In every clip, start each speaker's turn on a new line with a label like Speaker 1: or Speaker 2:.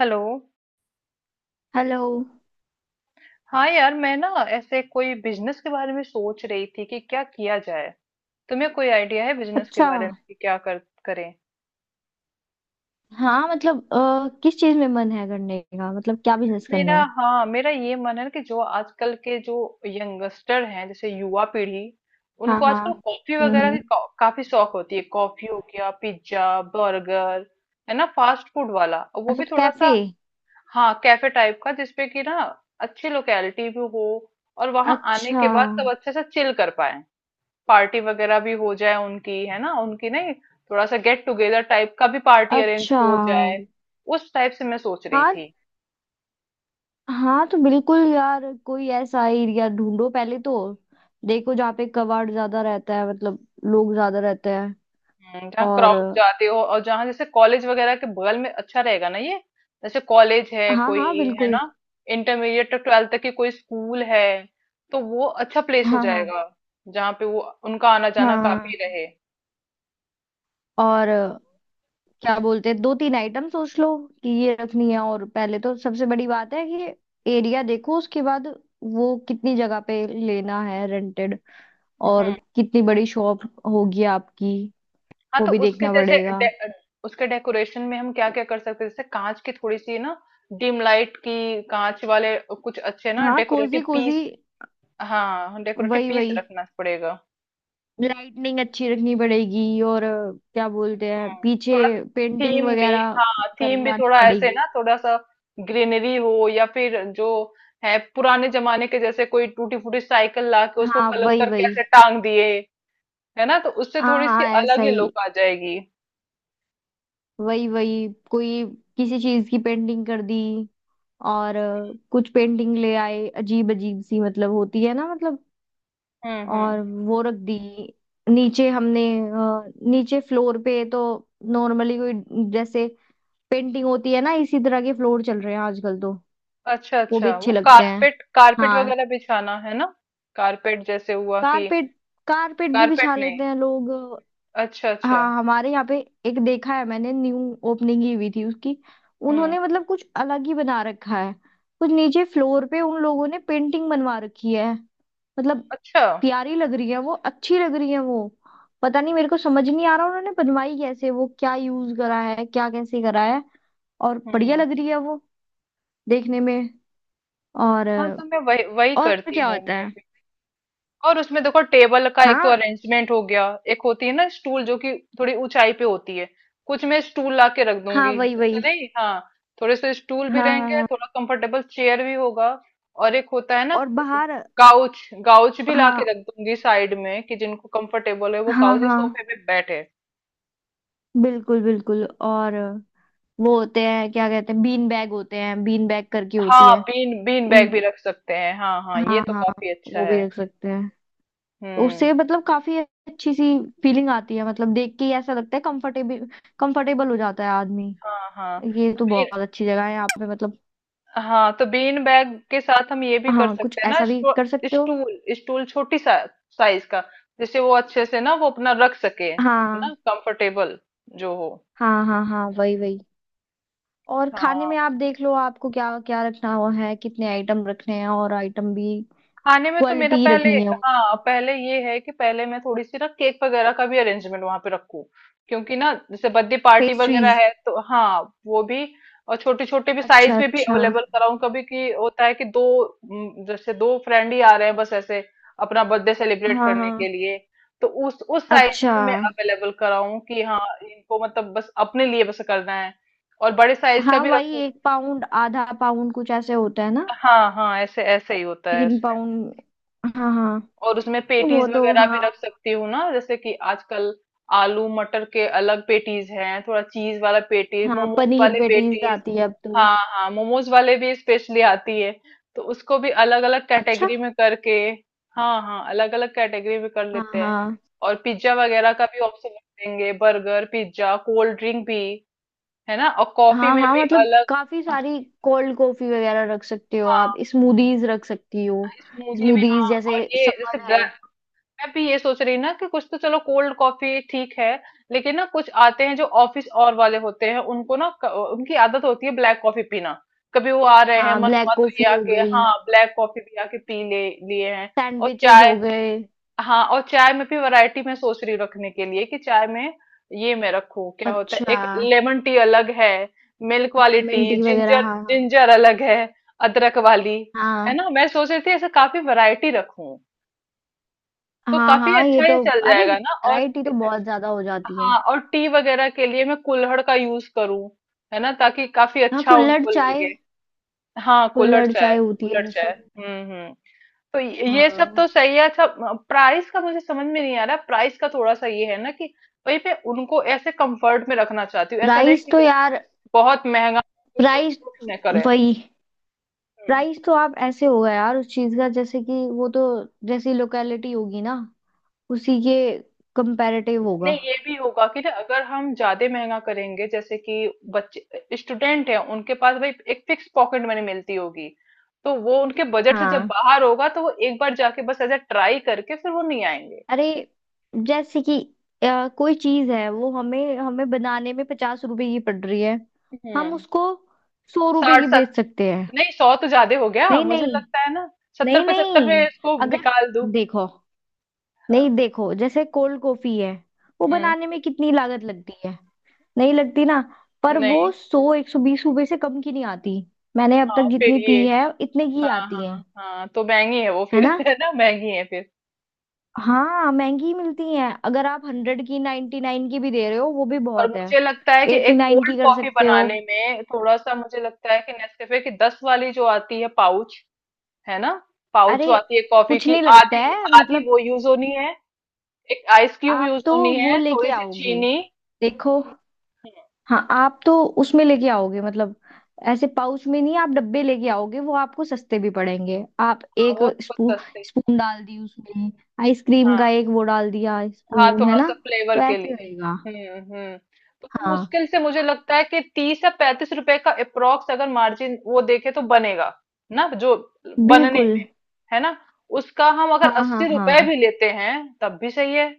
Speaker 1: Hello.
Speaker 2: Hello.
Speaker 1: हाँ यार, मैं ना ऐसे कोई बिजनेस के बारे में सोच रही थी कि क्या किया जाए। तुम्हें कोई आइडिया है बिजनेस के
Speaker 2: अच्छा।
Speaker 1: बारे में कि क्या कर करें?
Speaker 2: हाँ, मतलब किस चीज में मन है करने का, मतलब क्या बिजनेस करना
Speaker 1: मेरा
Speaker 2: है।
Speaker 1: हाँ मेरा ये मन है कि जो आजकल के जो यंगस्टर हैं, जैसे युवा पीढ़ी,
Speaker 2: हाँ
Speaker 1: उनको
Speaker 2: हाँ।
Speaker 1: आजकल कॉफी वगैरह
Speaker 2: हम्म।
Speaker 1: काफी शौक होती है, कॉफी हो गया, पिज्जा, बर्गर, है ना, फास्ट फूड वाला। और वो
Speaker 2: अच्छा,
Speaker 1: भी
Speaker 2: तो
Speaker 1: थोड़ा सा।
Speaker 2: कैफे।
Speaker 1: हाँ, कैफे टाइप का, जिसपे कि ना अच्छी लोकेलिटी भी हो, और वहां आने
Speaker 2: अच्छा
Speaker 1: के बाद सब अच्छे से चिल कर पाए। पार्टी वगैरह भी हो जाए उनकी, है ना, उनकी नहीं, थोड़ा सा गेट टुगेदर टाइप का भी पार्टी अरेंज
Speaker 2: अच्छा।
Speaker 1: हो जाए। उस टाइप से मैं सोच रही
Speaker 2: हाँ।
Speaker 1: थी।
Speaker 2: हाँ तो बिल्कुल यार, कोई ऐसा एरिया ढूंढो पहले तो। देखो, जहाँ पे कबाड़ ज्यादा रहता है, मतलब लोग ज्यादा रहते हैं।
Speaker 1: जहाँ
Speaker 2: और
Speaker 1: क्राउड जाते हो, और जहाँ जैसे कॉलेज वगैरह के बगल में अच्छा रहेगा ना ये, जैसे कॉलेज है
Speaker 2: हाँ
Speaker 1: कोई,
Speaker 2: हाँ
Speaker 1: है ना?
Speaker 2: बिल्कुल।
Speaker 1: इंटरमीडिएट तक, ट्वेल्थ तक की कोई स्कूल है, तो वो अच्छा प्लेस हो
Speaker 2: हाँ हाँ
Speaker 1: जाएगा, जहाँ पे वो उनका आना जाना काफी
Speaker 2: हाँ।
Speaker 1: रहे।
Speaker 2: और क्या बोलते हैं, दो तीन आइटम सोच लो कि ये रखनी है। और पहले तो सबसे बड़ी बात है कि एरिया देखो, उसके बाद वो कितनी जगह पे लेना है, रेंटेड, और
Speaker 1: हम्म।
Speaker 2: कितनी बड़ी शॉप होगी आपकी।
Speaker 1: हाँ,
Speaker 2: वो
Speaker 1: तो
Speaker 2: भी
Speaker 1: उसके
Speaker 2: देखना
Speaker 1: जैसे
Speaker 2: पड़ेगा।
Speaker 1: उसके डेकोरेशन में हम क्या-क्या कर सकते हैं? जैसे काँच की थोड़ी-सी ना डिम लाइट की, काँच वाले कुछ अच्छे ना
Speaker 2: हाँ, कोजी
Speaker 1: डेकोरेटिव
Speaker 2: कोजी।
Speaker 1: पीस। हाँ, डेकोरेटिव
Speaker 2: वही
Speaker 1: पीस
Speaker 2: वही।
Speaker 1: रखना पड़ेगा।
Speaker 2: लाइटनिंग अच्छी रखनी पड़ेगी, और क्या बोलते हैं,
Speaker 1: हुँ,
Speaker 2: पीछे
Speaker 1: थोड़ा
Speaker 2: पेंटिंग
Speaker 1: थीम भी
Speaker 2: वगैरह
Speaker 1: हाँ, थीम भी
Speaker 2: करवानी
Speaker 1: थोड़ा ऐसे
Speaker 2: पड़ेगी।
Speaker 1: ना, थोड़ा-सा ग्रीनरी हो, या फिर जो है पुराने ज़माने के, जैसे कोई टूटी-फूटी साइकिल ला के उसको
Speaker 2: हाँ
Speaker 1: कलर
Speaker 2: वही
Speaker 1: करके
Speaker 2: वही।
Speaker 1: ऐसे टाँग दिए, है ना? तो उससे
Speaker 2: हाँ
Speaker 1: थोड़ी-सी
Speaker 2: हाँ ऐसा
Speaker 1: अलग ही
Speaker 2: ही।
Speaker 1: लुक आ जाएगी।
Speaker 2: वही वही, कोई किसी चीज की पेंटिंग कर दी। और कुछ पेंटिंग ले आए अजीब अजीब सी, मतलब होती है ना, मतलब।
Speaker 1: हुँ,
Speaker 2: और
Speaker 1: हुँ।
Speaker 2: वो रख दी नीचे। हमने नीचे फ्लोर पे तो नॉर्मली कोई, जैसे पेंटिंग होती है ना, इसी तरह के फ्लोर चल रहे हैं आजकल तो।
Speaker 1: अच्छा
Speaker 2: वो
Speaker 1: अच्छा,
Speaker 2: भी
Speaker 1: वो
Speaker 2: अच्छे लगते हैं।
Speaker 1: कारपेट, कारपेट
Speaker 2: हाँ।
Speaker 1: वगैरह बिछाना है ना? कारपेट जैसे हुआ कि
Speaker 2: कारपेट कारपेट भी बिछा
Speaker 1: कारपेट नहीं।
Speaker 2: लेते हैं लोग।
Speaker 1: अच्छा अच्छा।
Speaker 2: हाँ, हमारे यहाँ पे एक देखा है मैंने। न्यू ओपनिंग ही हुई थी उसकी।
Speaker 1: हम्म।
Speaker 2: उन्होंने मतलब कुछ अलग ही बना रखा है। कुछ नीचे फ्लोर पे उन लोगों ने पेंटिंग बनवा रखी है, मतलब
Speaker 1: अच्छा।
Speaker 2: प्यारी लग रही है वो, अच्छी लग रही है वो। पता नहीं, मेरे को समझ नहीं आ रहा उन्होंने बनवाई कैसे, वो क्या यूज करा है, क्या कैसे करा है, और बढ़िया
Speaker 1: हम्म।
Speaker 2: लग रही है वो देखने में।
Speaker 1: हाँ,
Speaker 2: और
Speaker 1: तो मैं वही वही
Speaker 2: और
Speaker 1: करती
Speaker 2: क्या
Speaker 1: हूँ
Speaker 2: होता
Speaker 1: मैं।
Speaker 2: है।
Speaker 1: और उसमें देखो, टेबल का एक तो
Speaker 2: हाँ
Speaker 1: अरेंजमेंट हो गया। एक होती है ना स्टूल, जो कि थोड़ी ऊंचाई पे होती है, कुछ मैं स्टूल ला के रख
Speaker 2: हाँ
Speaker 1: दूंगी,
Speaker 2: वही
Speaker 1: जैसे,
Speaker 2: वही।
Speaker 1: नहीं, हाँ। थोड़े से स्टूल भी
Speaker 2: हाँ हाँ,
Speaker 1: रहेंगे,
Speaker 2: हाँ।
Speaker 1: थोड़ा कंफर्टेबल चेयर भी होगा। और एक होता है ना
Speaker 2: और बाहर।
Speaker 1: काउच। काउच भी ला
Speaker 2: हाँ
Speaker 1: के रख दूंगी साइड में, कि जिनको कंफर्टेबल है वो
Speaker 2: हाँ
Speaker 1: काउच या
Speaker 2: हाँ,
Speaker 1: सोफे पे बैठे।
Speaker 2: बिल्कुल बिल्कुल। और वो होते हैं, क्या कहते हैं, बीन बैग होते हैं, बीन बैग करके होती
Speaker 1: हाँ,
Speaker 2: है।
Speaker 1: बीन बीन
Speaker 2: उन।
Speaker 1: बैग भी रख सकते हैं। हाँ हाँ, ये
Speaker 2: हाँ
Speaker 1: तो
Speaker 2: हाँ।
Speaker 1: काफी अच्छा
Speaker 2: वो
Speaker 1: है।
Speaker 2: भी रख सकते हैं। तो
Speaker 1: हम्म।
Speaker 2: उससे मतलब काफी अच्छी सी फीलिंग आती है, मतलब देख के ही ऐसा लगता है कंफर्टेबल। कंफर्टेबल हो जाता है आदमी।
Speaker 1: हाँ, हाँ।
Speaker 2: ये तो बहुत अच्छी जगह है यहाँ पे, मतलब।
Speaker 1: हाँ, तो बीन बैग के साथ हम ये भी कर
Speaker 2: हाँ, कुछ
Speaker 1: सकते हैं ना,
Speaker 2: ऐसा भी कर सकते हो।
Speaker 1: स्टूल स्टूल छोटी सा, साइज का, जिससे वो अच्छे से ना वो अपना रख सके
Speaker 2: हाँ
Speaker 1: ना, कंफर्टेबल जो हो।
Speaker 2: हाँ हाँ। हाँ वही वही। और खाने
Speaker 1: हाँ,
Speaker 2: में आप देख लो आपको क्या क्या रखना हुआ है, कितने आइटम रखने हैं, और आइटम भी
Speaker 1: खाने में तो मेरा
Speaker 2: क्वालिटी
Speaker 1: पहले,
Speaker 2: रखनी है।
Speaker 1: हाँ, पहले ये है कि पहले मैं थोड़ी सी ना केक वगैरह का भी अरेंजमेंट वहां पे रखूं, क्योंकि ना जैसे बर्थडे पार्टी वगैरह
Speaker 2: पेस्ट्रीज।
Speaker 1: है तो, हाँ, वो भी। और छोटे छोटे भी साइज
Speaker 2: अच्छा
Speaker 1: में भी
Speaker 2: अच्छा।
Speaker 1: अवेलेबल कराऊं कभी, कि होता है कि दो, जैसे दो फ्रेंड ही आ रहे हैं बस ऐसे, अपना बर्थडे सेलिब्रेट
Speaker 2: हाँ
Speaker 1: करने के
Speaker 2: हाँ।
Speaker 1: लिए, तो उस साइज
Speaker 2: अच्छा।
Speaker 1: में भी मैं अवेलेबल कराऊं कि, हाँ, इनको मतलब बस अपने लिए बस करना है। और बड़े साइज का
Speaker 2: हाँ
Speaker 1: भी
Speaker 2: वही,
Speaker 1: रखूं।
Speaker 2: 1 पाउंड आधा पाउंड कुछ ऐसे होता है ना।
Speaker 1: हाँ हाँ, ऐसे ऐसे ही होता है
Speaker 2: तीन
Speaker 1: उसमें।
Speaker 2: पाउंड हाँ हाँ।
Speaker 1: और उसमें
Speaker 2: तो वो
Speaker 1: पेटीज
Speaker 2: तो,
Speaker 1: वगैरह भी
Speaker 2: हाँ।
Speaker 1: रख सकती हूँ ना, जैसे कि आजकल आलू मटर के अलग पेटीज हैं, थोड़ा चीज वाला पेटीज,
Speaker 2: हाँ,
Speaker 1: मोमोज
Speaker 2: पनीर
Speaker 1: वाले
Speaker 2: पेटीज
Speaker 1: पेटीज।
Speaker 2: आती है अब तो।
Speaker 1: हाँ हाँ, मोमोज वाले भी स्पेशली आती है, तो उसको भी अलग अलग
Speaker 2: अच्छा।
Speaker 1: कैटेगरी में करके, हाँ हाँ, अलग अलग कैटेगरी में कर
Speaker 2: हाँ
Speaker 1: लेते हैं।
Speaker 2: हाँ।
Speaker 1: और पिज्जा वगैरह का भी ऑप्शन रख देंगे, बर्गर, पिज्जा, कोल्ड ड्रिंक भी, है ना, और कॉफी
Speaker 2: हाँ
Speaker 1: में
Speaker 2: हाँ,
Speaker 1: भी
Speaker 2: मतलब
Speaker 1: अलग।
Speaker 2: काफी सारी कोल्ड कॉफी वगैरह रख सकते हो आप,
Speaker 1: हाँ,
Speaker 2: स्मूदीज रख सकती हो।
Speaker 1: स्मूदी भी,
Speaker 2: स्मूदीज
Speaker 1: हाँ। और
Speaker 2: जैसे,
Speaker 1: ये जैसे
Speaker 2: समर है।
Speaker 1: ब्लैक, मैं भी ये सोच रही ना कि कुछ तो, चलो कोल्ड कॉफी ठीक है, लेकिन ना कुछ आते हैं जो ऑफिस और वाले होते हैं, उनको ना उनकी आदत होती है ब्लैक कॉफी पीना, कभी वो आ रहे हैं
Speaker 2: हाँ,
Speaker 1: मन
Speaker 2: ब्लैक
Speaker 1: हुआ तो ये
Speaker 2: कॉफी हो
Speaker 1: आके,
Speaker 2: गई,
Speaker 1: हाँ, ब्लैक कॉफी भी आके पी ले लिए हैं। और
Speaker 2: सैंडविचेस हो
Speaker 1: चाय,
Speaker 2: गए।
Speaker 1: हाँ, और चाय में भी वैरायटी मैं सोच रही हूँ रखने के लिए, कि चाय में ये मैं रखूं, क्या होता है
Speaker 2: अच्छा।
Speaker 1: एक लेमन टी अलग है, मिल्क वाली टी,
Speaker 2: लेमन टी वगैरह
Speaker 1: जिंजर,
Speaker 2: हाँ हाँ।
Speaker 1: जिंजर अलग है, अदरक वाली, है
Speaker 2: हाँ।
Speaker 1: ना? मैं सोच रही थी ऐसे काफी वैरायटी रखूं, तो
Speaker 2: हाँ
Speaker 1: काफी
Speaker 2: हाँ ये
Speaker 1: अच्छा ये
Speaker 2: तो।
Speaker 1: चल
Speaker 2: अरे
Speaker 1: जाएगा ना। और
Speaker 2: वैरायटी तो बहुत ज्यादा हो जाती है।
Speaker 1: हाँ, और टी वगैरह के लिए मैं कुल्हड़ का यूज करूँ, है ना, ताकि काफी
Speaker 2: हाँ,
Speaker 1: अच्छा
Speaker 2: कुल्हड़
Speaker 1: उनको
Speaker 2: चाय।
Speaker 1: लगे। हाँ, कुल्हड़
Speaker 2: कुल्हड़
Speaker 1: चाय।
Speaker 2: चाय होती है
Speaker 1: कुल्हड़ चाय।
Speaker 2: जैसे।
Speaker 1: हम्म। तो ये सब
Speaker 2: हाँ।
Speaker 1: तो सही है। अच्छा, प्राइस का मुझे समझ में नहीं आ रहा। प्राइस का थोड़ा सा ये है ना, कि भाई मैं उनको ऐसे कंफर्ट में रखना चाहती हूँ, ऐसा नहीं
Speaker 2: प्राइस
Speaker 1: कि
Speaker 2: तो
Speaker 1: जैसे
Speaker 2: यार।
Speaker 1: बहुत महंगा हो, क्योंकि
Speaker 2: प्राइस।
Speaker 1: अफोर्ड न करें।
Speaker 2: वही।
Speaker 1: हम्म।
Speaker 2: प्राइस तो आप ऐसे होगा यार उस चीज का, जैसे कि वो तो जैसी लोकेलिटी होगी ना उसी के कंपैरेटिव होगा।
Speaker 1: नहीं, ये भी होगा कि ना अगर हम ज्यादा महंगा करेंगे, जैसे कि बच्चे स्टूडेंट हैं, उनके पास भाई एक फिक्स पॉकेट मनी मिलती होगी, तो वो उनके बजट से जब
Speaker 2: हाँ।
Speaker 1: बाहर होगा तो वो एक बार जाके बस ऐसा ट्राई करके फिर वो नहीं आएंगे।
Speaker 2: अरे जैसे कि कोई चीज है वो हमें हमें बनाने में 50 रुपए की पड़ रही है। हम
Speaker 1: हम्म।
Speaker 2: उसको 100 रुपए
Speaker 1: 60
Speaker 2: की
Speaker 1: सत
Speaker 2: बेच सकते हैं।
Speaker 1: नहीं, 100 तो ज्यादा हो गया
Speaker 2: नहीं
Speaker 1: मुझे
Speaker 2: नहीं।
Speaker 1: लगता है ना। सत्तर
Speaker 2: नहीं
Speaker 1: पचहत्तर में
Speaker 2: नहीं।
Speaker 1: इसको
Speaker 2: अगर,
Speaker 1: निकाल दूं।
Speaker 2: देखो, नहीं
Speaker 1: हाँ।
Speaker 2: देखो, जैसे कोल्ड कॉफी है वो
Speaker 1: हम्म।
Speaker 2: बनाने में कितनी लागत लगती है, नहीं लगती ना। पर वो
Speaker 1: नहीं।
Speaker 2: सौ, एक सौ बीस रुपए से कम की नहीं आती। मैंने अब तक
Speaker 1: हाँ, फिर
Speaker 2: जितनी
Speaker 1: ये।
Speaker 2: पी है इतने की
Speaker 1: हाँ
Speaker 2: आती है।
Speaker 1: हाँ हाँ, तो महंगी है वो
Speaker 2: है
Speaker 1: फिर
Speaker 2: ना।
Speaker 1: है ना? महंगी है फिर।
Speaker 2: हाँ महंगी मिलती हैं। अगर आप 100 की, 99 की भी दे रहे हो वो भी
Speaker 1: और
Speaker 2: बहुत है।
Speaker 1: मुझे लगता है कि
Speaker 2: एट्टी
Speaker 1: एक
Speaker 2: नाइन की
Speaker 1: कोल्ड
Speaker 2: कर
Speaker 1: कॉफी
Speaker 2: सकते हो।
Speaker 1: बनाने में थोड़ा सा, मुझे लगता है कि नेस्कैफे की 10 वाली जो आती है पाउच, है ना, पाउच
Speaker 2: अरे
Speaker 1: जो आती है कॉफी
Speaker 2: कुछ
Speaker 1: की,
Speaker 2: नहीं लगता
Speaker 1: आधी
Speaker 2: है,
Speaker 1: आधी
Speaker 2: मतलब।
Speaker 1: वो यूज होनी है, एक आइस क्यूब
Speaker 2: आप
Speaker 1: यूज
Speaker 2: तो
Speaker 1: होनी
Speaker 2: वो
Speaker 1: है, थोड़ी
Speaker 2: लेके
Speaker 1: सी
Speaker 2: आओगे,
Speaker 1: चीनी।
Speaker 2: देखो।
Speaker 1: हाँ।
Speaker 2: हाँ, आप तो उसमें लेके आओगे, मतलब ऐसे पाउच में नहीं, आप डब्बे लेके आओगे, वो आपको सस्ते भी पड़ेंगे। आप एक
Speaker 1: वो कुछ सस्ते।
Speaker 2: स्पून डाल दी उसमें, आइसक्रीम का
Speaker 1: हाँ
Speaker 2: एक वो डाल दिया
Speaker 1: हाँ,
Speaker 2: स्पून, है
Speaker 1: थोड़ा
Speaker 2: ना।
Speaker 1: सा फ्लेवर
Speaker 2: तो
Speaker 1: के
Speaker 2: ऐसे
Speaker 1: लिए।
Speaker 2: रहेगा।
Speaker 1: हम्म। तो वो
Speaker 2: हाँ
Speaker 1: मुश्किल से मुझे लगता है कि 30 या 35 रुपए का अप्रोक्स, अगर मार्जिन वो देखे तो बनेगा ना, जो बनने,
Speaker 2: बिल्कुल।
Speaker 1: है ना? उसका हम अगर
Speaker 2: हाँ हाँ
Speaker 1: 80 रुपए
Speaker 2: हाँ।
Speaker 1: भी लेते हैं तब भी सही है।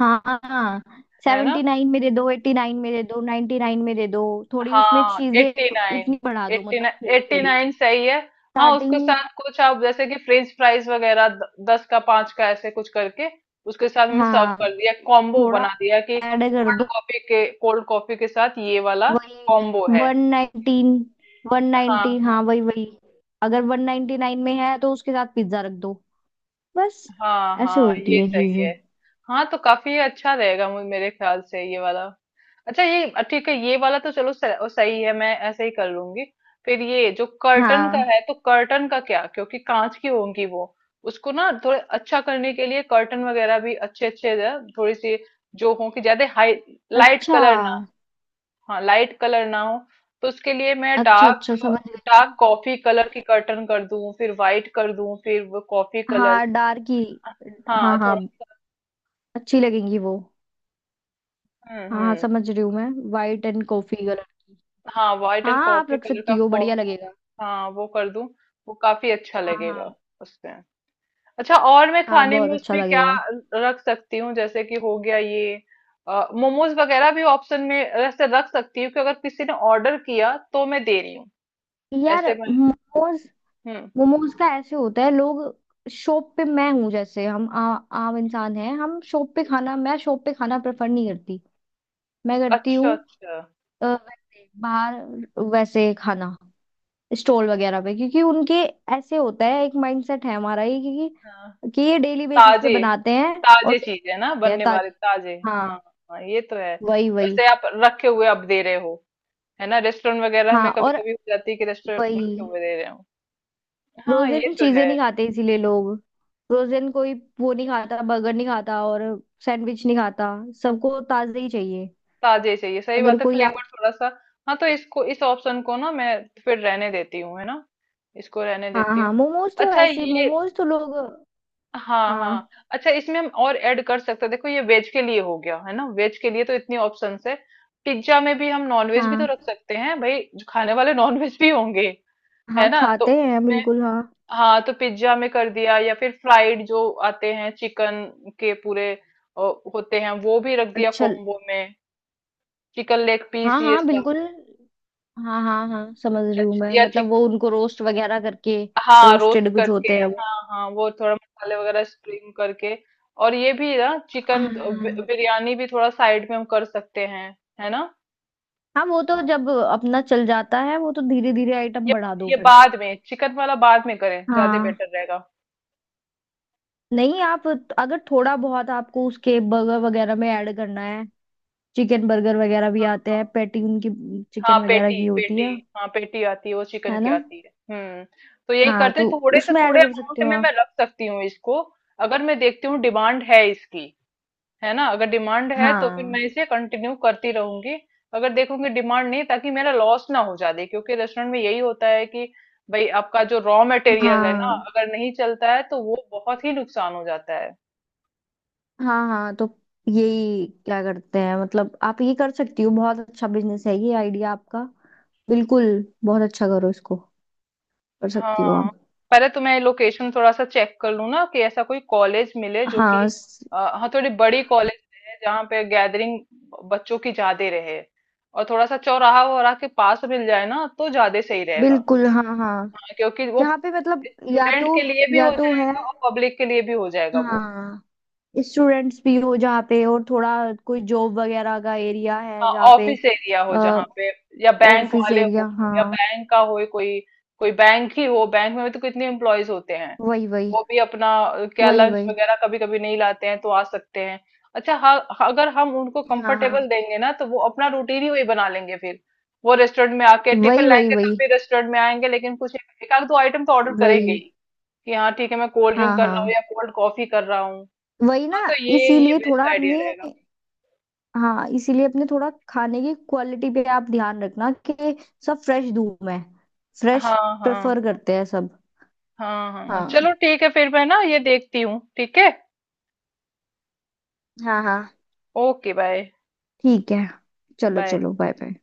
Speaker 2: हाँ हाँ।
Speaker 1: है ना?
Speaker 2: 79 में दे दो, 89 में दे दो, 99 में दे दो। थोड़ी उसमें
Speaker 1: हाँ। एट्टी
Speaker 2: चीजें
Speaker 1: नाइन
Speaker 2: उतनी बढ़ा दो,
Speaker 1: एट्टी
Speaker 2: मतलब
Speaker 1: नाइन
Speaker 2: थोड़ी
Speaker 1: एट्टी
Speaker 2: थोड़ी।
Speaker 1: नाइन सही है। हाँ,
Speaker 2: स्टार्टिंग।
Speaker 1: उसके साथ कुछ आप जैसे कि फ्रेंच फ्राइज वगैरह 10 का 5 का ऐसे कुछ करके उसके साथ में सर्व
Speaker 2: हाँ
Speaker 1: कर दिया, कॉम्बो बना
Speaker 2: थोड़ा
Speaker 1: दिया, कि
Speaker 2: ऐड कर
Speaker 1: कोल्ड
Speaker 2: दो।
Speaker 1: कॉफी के, कोल्ड कॉफी के साथ ये वाला
Speaker 2: वही
Speaker 1: कॉम्बो है।
Speaker 2: 119, वन
Speaker 1: हाँ
Speaker 2: नाइनटी हाँ
Speaker 1: हाँ।
Speaker 2: वही वही। अगर 199 में है तो उसके साथ पिज्जा रख दो, बस।
Speaker 1: हाँ
Speaker 2: ऐसे
Speaker 1: हाँ, ये
Speaker 2: होती है
Speaker 1: सही
Speaker 2: चीजें।
Speaker 1: है। हाँ, तो काफी अच्छा रहेगा, मेरे ख्याल से ये वाला। अच्छा, ये, ठीक है, ये वाला। तो चलो सही है, मैं ऐसे ही कर लूंगी। फिर ये जो कर्टन का
Speaker 2: हाँ।
Speaker 1: है, तो कर्टन का क्या, क्योंकि कांच की होंगी वो, उसको ना थोड़े अच्छा करने के लिए कर्टन वगैरह भी अच्छे अच्छे, थोड़ी सी जो हो, कि ज्यादा हाई लाइट
Speaker 2: अच्छा
Speaker 1: कलर ना हो। हाँ, लाइट कलर ना हो। तो उसके लिए मैं
Speaker 2: अच्छा,
Speaker 1: डार्क
Speaker 2: अच्छा समझ गई मैं।
Speaker 1: डार्क कॉफी कलर की कर्टन कर दूं, फिर व्हाइट कर दूं, फिर वो कॉफी कलर।
Speaker 2: हाँ डार्क ही।
Speaker 1: हाँ,
Speaker 2: हाँ हाँ।
Speaker 1: थोड़ा।
Speaker 2: अच्छी लगेंगी वो। हाँ हाँ
Speaker 1: हम्म।
Speaker 2: समझ रही हूँ मैं, वाइट एंड कॉफी कलर की।
Speaker 1: हाँ, व्हाइट एंड
Speaker 2: हाँ आप
Speaker 1: कॉफी
Speaker 2: रख
Speaker 1: कलर का
Speaker 2: सकती हो, बढ़िया
Speaker 1: कॉम्बो।
Speaker 2: लगेगा।
Speaker 1: हाँ, वो कर दूं, वो काफी अच्छा
Speaker 2: हाँ
Speaker 1: लगेगा
Speaker 2: हाँ
Speaker 1: उसमें। अच्छा, और मैं
Speaker 2: हाँ।
Speaker 1: खाने में
Speaker 2: बहुत अच्छा
Speaker 1: उसमें क्या
Speaker 2: लगेगा।
Speaker 1: रख सकती हूँ, जैसे कि हो गया ये, मोमोज वगैरह भी ऑप्शन में ऐसे रख सकती हूँ कि अगर किसी ने ऑर्डर किया तो मैं दे रही हूँ
Speaker 2: यार
Speaker 1: ऐसे, मैं।
Speaker 2: मोमोज,
Speaker 1: हम्म।
Speaker 2: मोमोज का ऐसे होता है लोग, शॉप पे। मैं हूँ जैसे, हम आम इंसान हैं, हम शॉप पे
Speaker 1: ठीक है।
Speaker 2: खाना, मैं शॉप पे खाना प्रेफर नहीं करती। मैं करती
Speaker 1: अच्छा
Speaker 2: हूँ।
Speaker 1: अच्छा।
Speaker 2: वैसे, बाहर वैसे खाना स्टॉल वगैरह पे, क्योंकि उनके ऐसे होता है, एक माइंडसेट है हमारा ये,
Speaker 1: हाँ।
Speaker 2: क्योंकि कि ये डेली बेसिस पे
Speaker 1: ताजे,
Speaker 2: बनाते हैं और
Speaker 1: ताजे
Speaker 2: daily
Speaker 1: चीज है ना,
Speaker 2: बनाते हैं
Speaker 1: बनने वाले
Speaker 2: ताजी।
Speaker 1: ताजे। हाँ
Speaker 2: हाँ
Speaker 1: हाँ, ये तो है।
Speaker 2: वही वही।
Speaker 1: वैसे आप रखे हुए आप दे रहे हो, है ना? रेस्टोरेंट वगैरह
Speaker 2: हाँ
Speaker 1: में कभी
Speaker 2: और
Speaker 1: कभी हो जाती है कि रेस्टोरेंट
Speaker 2: वही।
Speaker 1: रखे हुए दे रहे हो। हाँ, ये
Speaker 2: फ्रोजन
Speaker 1: तो
Speaker 2: चीजें
Speaker 1: है।
Speaker 2: नहीं खाते इसीलिए लोग। फ्रोजन कोई वो नहीं खाता, बर्गर नहीं खाता और सैंडविच नहीं खाता। सबको ताजे ही चाहिए।
Speaker 1: ताजे ही चाहिए, सही
Speaker 2: अगर
Speaker 1: बात है,
Speaker 2: कोई आप।
Speaker 1: फ्लेवर थोड़ा सा। हाँ, तो इसको, इस ऑप्शन को ना मैं फिर रहने देती हूँ, है ना? इसको रहने
Speaker 2: हाँ
Speaker 1: देती हूँ।
Speaker 2: हाँ, मोमोज तो
Speaker 1: अच्छा
Speaker 2: ऐसे
Speaker 1: ये,
Speaker 2: मोमोज तो लोग।
Speaker 1: हाँ हाँ।
Speaker 2: हाँ
Speaker 1: अच्छा, इसमें हम और ऐड कर सकते हैं, देखो ये वेज के लिए हो गया, है ना? वेज के लिए तो इतनी ऑप्शन है, पिज्जा में भी हम नॉन वेज भी तो
Speaker 2: हाँ
Speaker 1: रख सकते हैं, भाई, जो खाने वाले नॉन वेज भी होंगे, है
Speaker 2: हाँ,
Speaker 1: ना, तो
Speaker 2: खाते हैं
Speaker 1: उसमें,
Speaker 2: बिल्कुल हाँ।
Speaker 1: हाँ। तो पिज्जा में कर दिया, या फिर फ्राइड जो आते हैं, चिकन के पूरे अ, होते हैं वो भी रख दिया
Speaker 2: अच्छा।
Speaker 1: कॉम्बो में। चिकन लेग पीस,
Speaker 2: हाँ
Speaker 1: ये
Speaker 2: हाँ
Speaker 1: सब।
Speaker 2: बिल्कुल। हाँ हाँ हाँ समझ रही
Speaker 1: या,
Speaker 2: हूँ मैं,
Speaker 1: या
Speaker 2: मतलब
Speaker 1: चिक
Speaker 2: वो उनको रोस्ट वगैरह करके
Speaker 1: हाँ, रोस्ट
Speaker 2: रोस्टेड कुछ
Speaker 1: करके।
Speaker 2: होते हैं वो।
Speaker 1: हाँ हाँ, वो थोड़ा मसाले वगैरह स्प्रिंग करके। और ये भी ना चिकन
Speaker 2: हाँ
Speaker 1: बिरयानी भी थोड़ा साइड में हम कर सकते हैं, है ना?
Speaker 2: हाँ। वो तो जब अपना चल जाता है वो तो धीरे धीरे आइटम
Speaker 1: ये
Speaker 2: बढ़ा दो
Speaker 1: ये
Speaker 2: फिर।
Speaker 1: बाद में, चिकन वाला बाद में करें ज्यादा
Speaker 2: हाँ।
Speaker 1: बेटर रहेगा।
Speaker 2: नहीं, आप अगर थोड़ा बहुत आपको उसके बर्गर वगैरह में ऐड करना है, चिकन बर्गर वगैरह भी
Speaker 1: हाँ
Speaker 2: आते हैं,
Speaker 1: हाँ।
Speaker 2: पैटी उनकी
Speaker 1: हाँ,
Speaker 2: चिकन वगैरह
Speaker 1: पेटी
Speaker 2: की होती
Speaker 1: पेटी
Speaker 2: है।
Speaker 1: हाँ पेटी आती है, वो चिकन
Speaker 2: है
Speaker 1: की
Speaker 2: ना।
Speaker 1: आती है। हम्म। तो यही
Speaker 2: हाँ
Speaker 1: करते,
Speaker 2: तो
Speaker 1: थोड़े से
Speaker 2: उसमें ऐड
Speaker 1: थोड़े
Speaker 2: कर सकते
Speaker 1: अमाउंट
Speaker 2: हो
Speaker 1: में मैं
Speaker 2: आप।
Speaker 1: रख सकती हूँ इसको, अगर मैं देखती हूँ डिमांड है इसकी, है ना? अगर डिमांड है तो फिर
Speaker 2: हाँ
Speaker 1: मैं इसे कंटिन्यू करती रहूंगी, अगर देखूंगी डिमांड नहीं, ताकि मेरा लॉस ना हो जाए, क्योंकि रेस्टोरेंट में यही होता है कि भाई आपका जो रॉ मटेरियल है ना
Speaker 2: हाँ
Speaker 1: अगर नहीं चलता है तो वो बहुत ही नुकसान हो जाता है।
Speaker 2: हाँ। हाँ तो यही क्या करते हैं, मतलब आप ये कर सकती हो, बहुत अच्छा बिजनेस है ये, आइडिया आपका बिल्कुल बहुत अच्छा, करो इसको। कर सकती हो
Speaker 1: हाँ,
Speaker 2: आप।
Speaker 1: पहले तो मैं लोकेशन थोड़ा सा चेक कर लूँ ना, कि ऐसा कोई कॉलेज मिले जो कि
Speaker 2: हाँ
Speaker 1: हाँ, थोड़ी बड़ी कॉलेज है, जहाँ पे गैदरिंग बच्चों की ज्यादा रहे, और थोड़ा सा चौराहा वगैरह के पास मिल जाए ना, तो ज्यादा सही रहेगा।
Speaker 2: बिल्कुल। हाँ हाँ।
Speaker 1: हाँ, क्योंकि वो
Speaker 2: यहाँ पे मतलब या तो,
Speaker 1: स्टूडेंट के लिए भी
Speaker 2: या
Speaker 1: हो
Speaker 2: तो है
Speaker 1: जाएगा और पब्लिक के लिए भी हो जाएगा वो।
Speaker 2: हाँ, स्टूडेंट्स भी हो जहाँ पे और थोड़ा कोई जॉब वगैरह का एरिया है
Speaker 1: हाँ,
Speaker 2: जहाँ पे।
Speaker 1: ऑफिस एरिया हो जहाँ पे, या बैंक
Speaker 2: ऑफिस
Speaker 1: वाले
Speaker 2: एरिया
Speaker 1: हो, या
Speaker 2: हाँ।
Speaker 1: बैंक का हो कोई, कोई बैंक ही हो, बैंक में भी तो कितने एम्प्लॉयज होते हैं,
Speaker 2: वही वही
Speaker 1: वो भी अपना क्या
Speaker 2: वही
Speaker 1: लंच
Speaker 2: वही।
Speaker 1: वगैरह कभी कभी नहीं लाते हैं तो आ सकते हैं। अच्छा हाँ। हाँ, अगर हम उनको
Speaker 2: हाँ हाँ।
Speaker 1: कंफर्टेबल देंगे ना तो वो अपना रूटीन ही वही बना लेंगे फिर। वो रेस्टोरेंट में आके टिफिन
Speaker 2: वही वही
Speaker 1: लाएंगे तब
Speaker 2: वही
Speaker 1: भी रेस्टोरेंट में आएंगे, लेकिन कुछ एक एक आध दो आइटम तो ऑर्डर
Speaker 2: वही।
Speaker 1: करेंगे ही कि हाँ ठीक है, मैं कोल्ड ड्रिंक
Speaker 2: हाँ
Speaker 1: कर
Speaker 2: हाँ
Speaker 1: रहा हूँ या कोल्ड कॉफी कर रहा हूँ।
Speaker 2: वही ना।
Speaker 1: हाँ, तो ये
Speaker 2: इसीलिए थोड़ा
Speaker 1: बेस्ट आइडिया
Speaker 2: अपने।
Speaker 1: रहेगा।
Speaker 2: हाँ इसीलिए अपने थोड़ा खाने की क्वालिटी पे आप ध्यान रखना कि सब फ्रेश दूं मैं। फ्रेश
Speaker 1: हाँ
Speaker 2: प्रेफर
Speaker 1: हाँ
Speaker 2: करते हैं सब।
Speaker 1: हाँ हाँ,
Speaker 2: हाँ
Speaker 1: चलो ठीक है, फिर मैं ना ये देखती हूँ, ठीक है।
Speaker 2: हाँ। हाँ
Speaker 1: ओके, बाय।
Speaker 2: ठीक है। चलो
Speaker 1: बाय।
Speaker 2: चलो बाय बाय।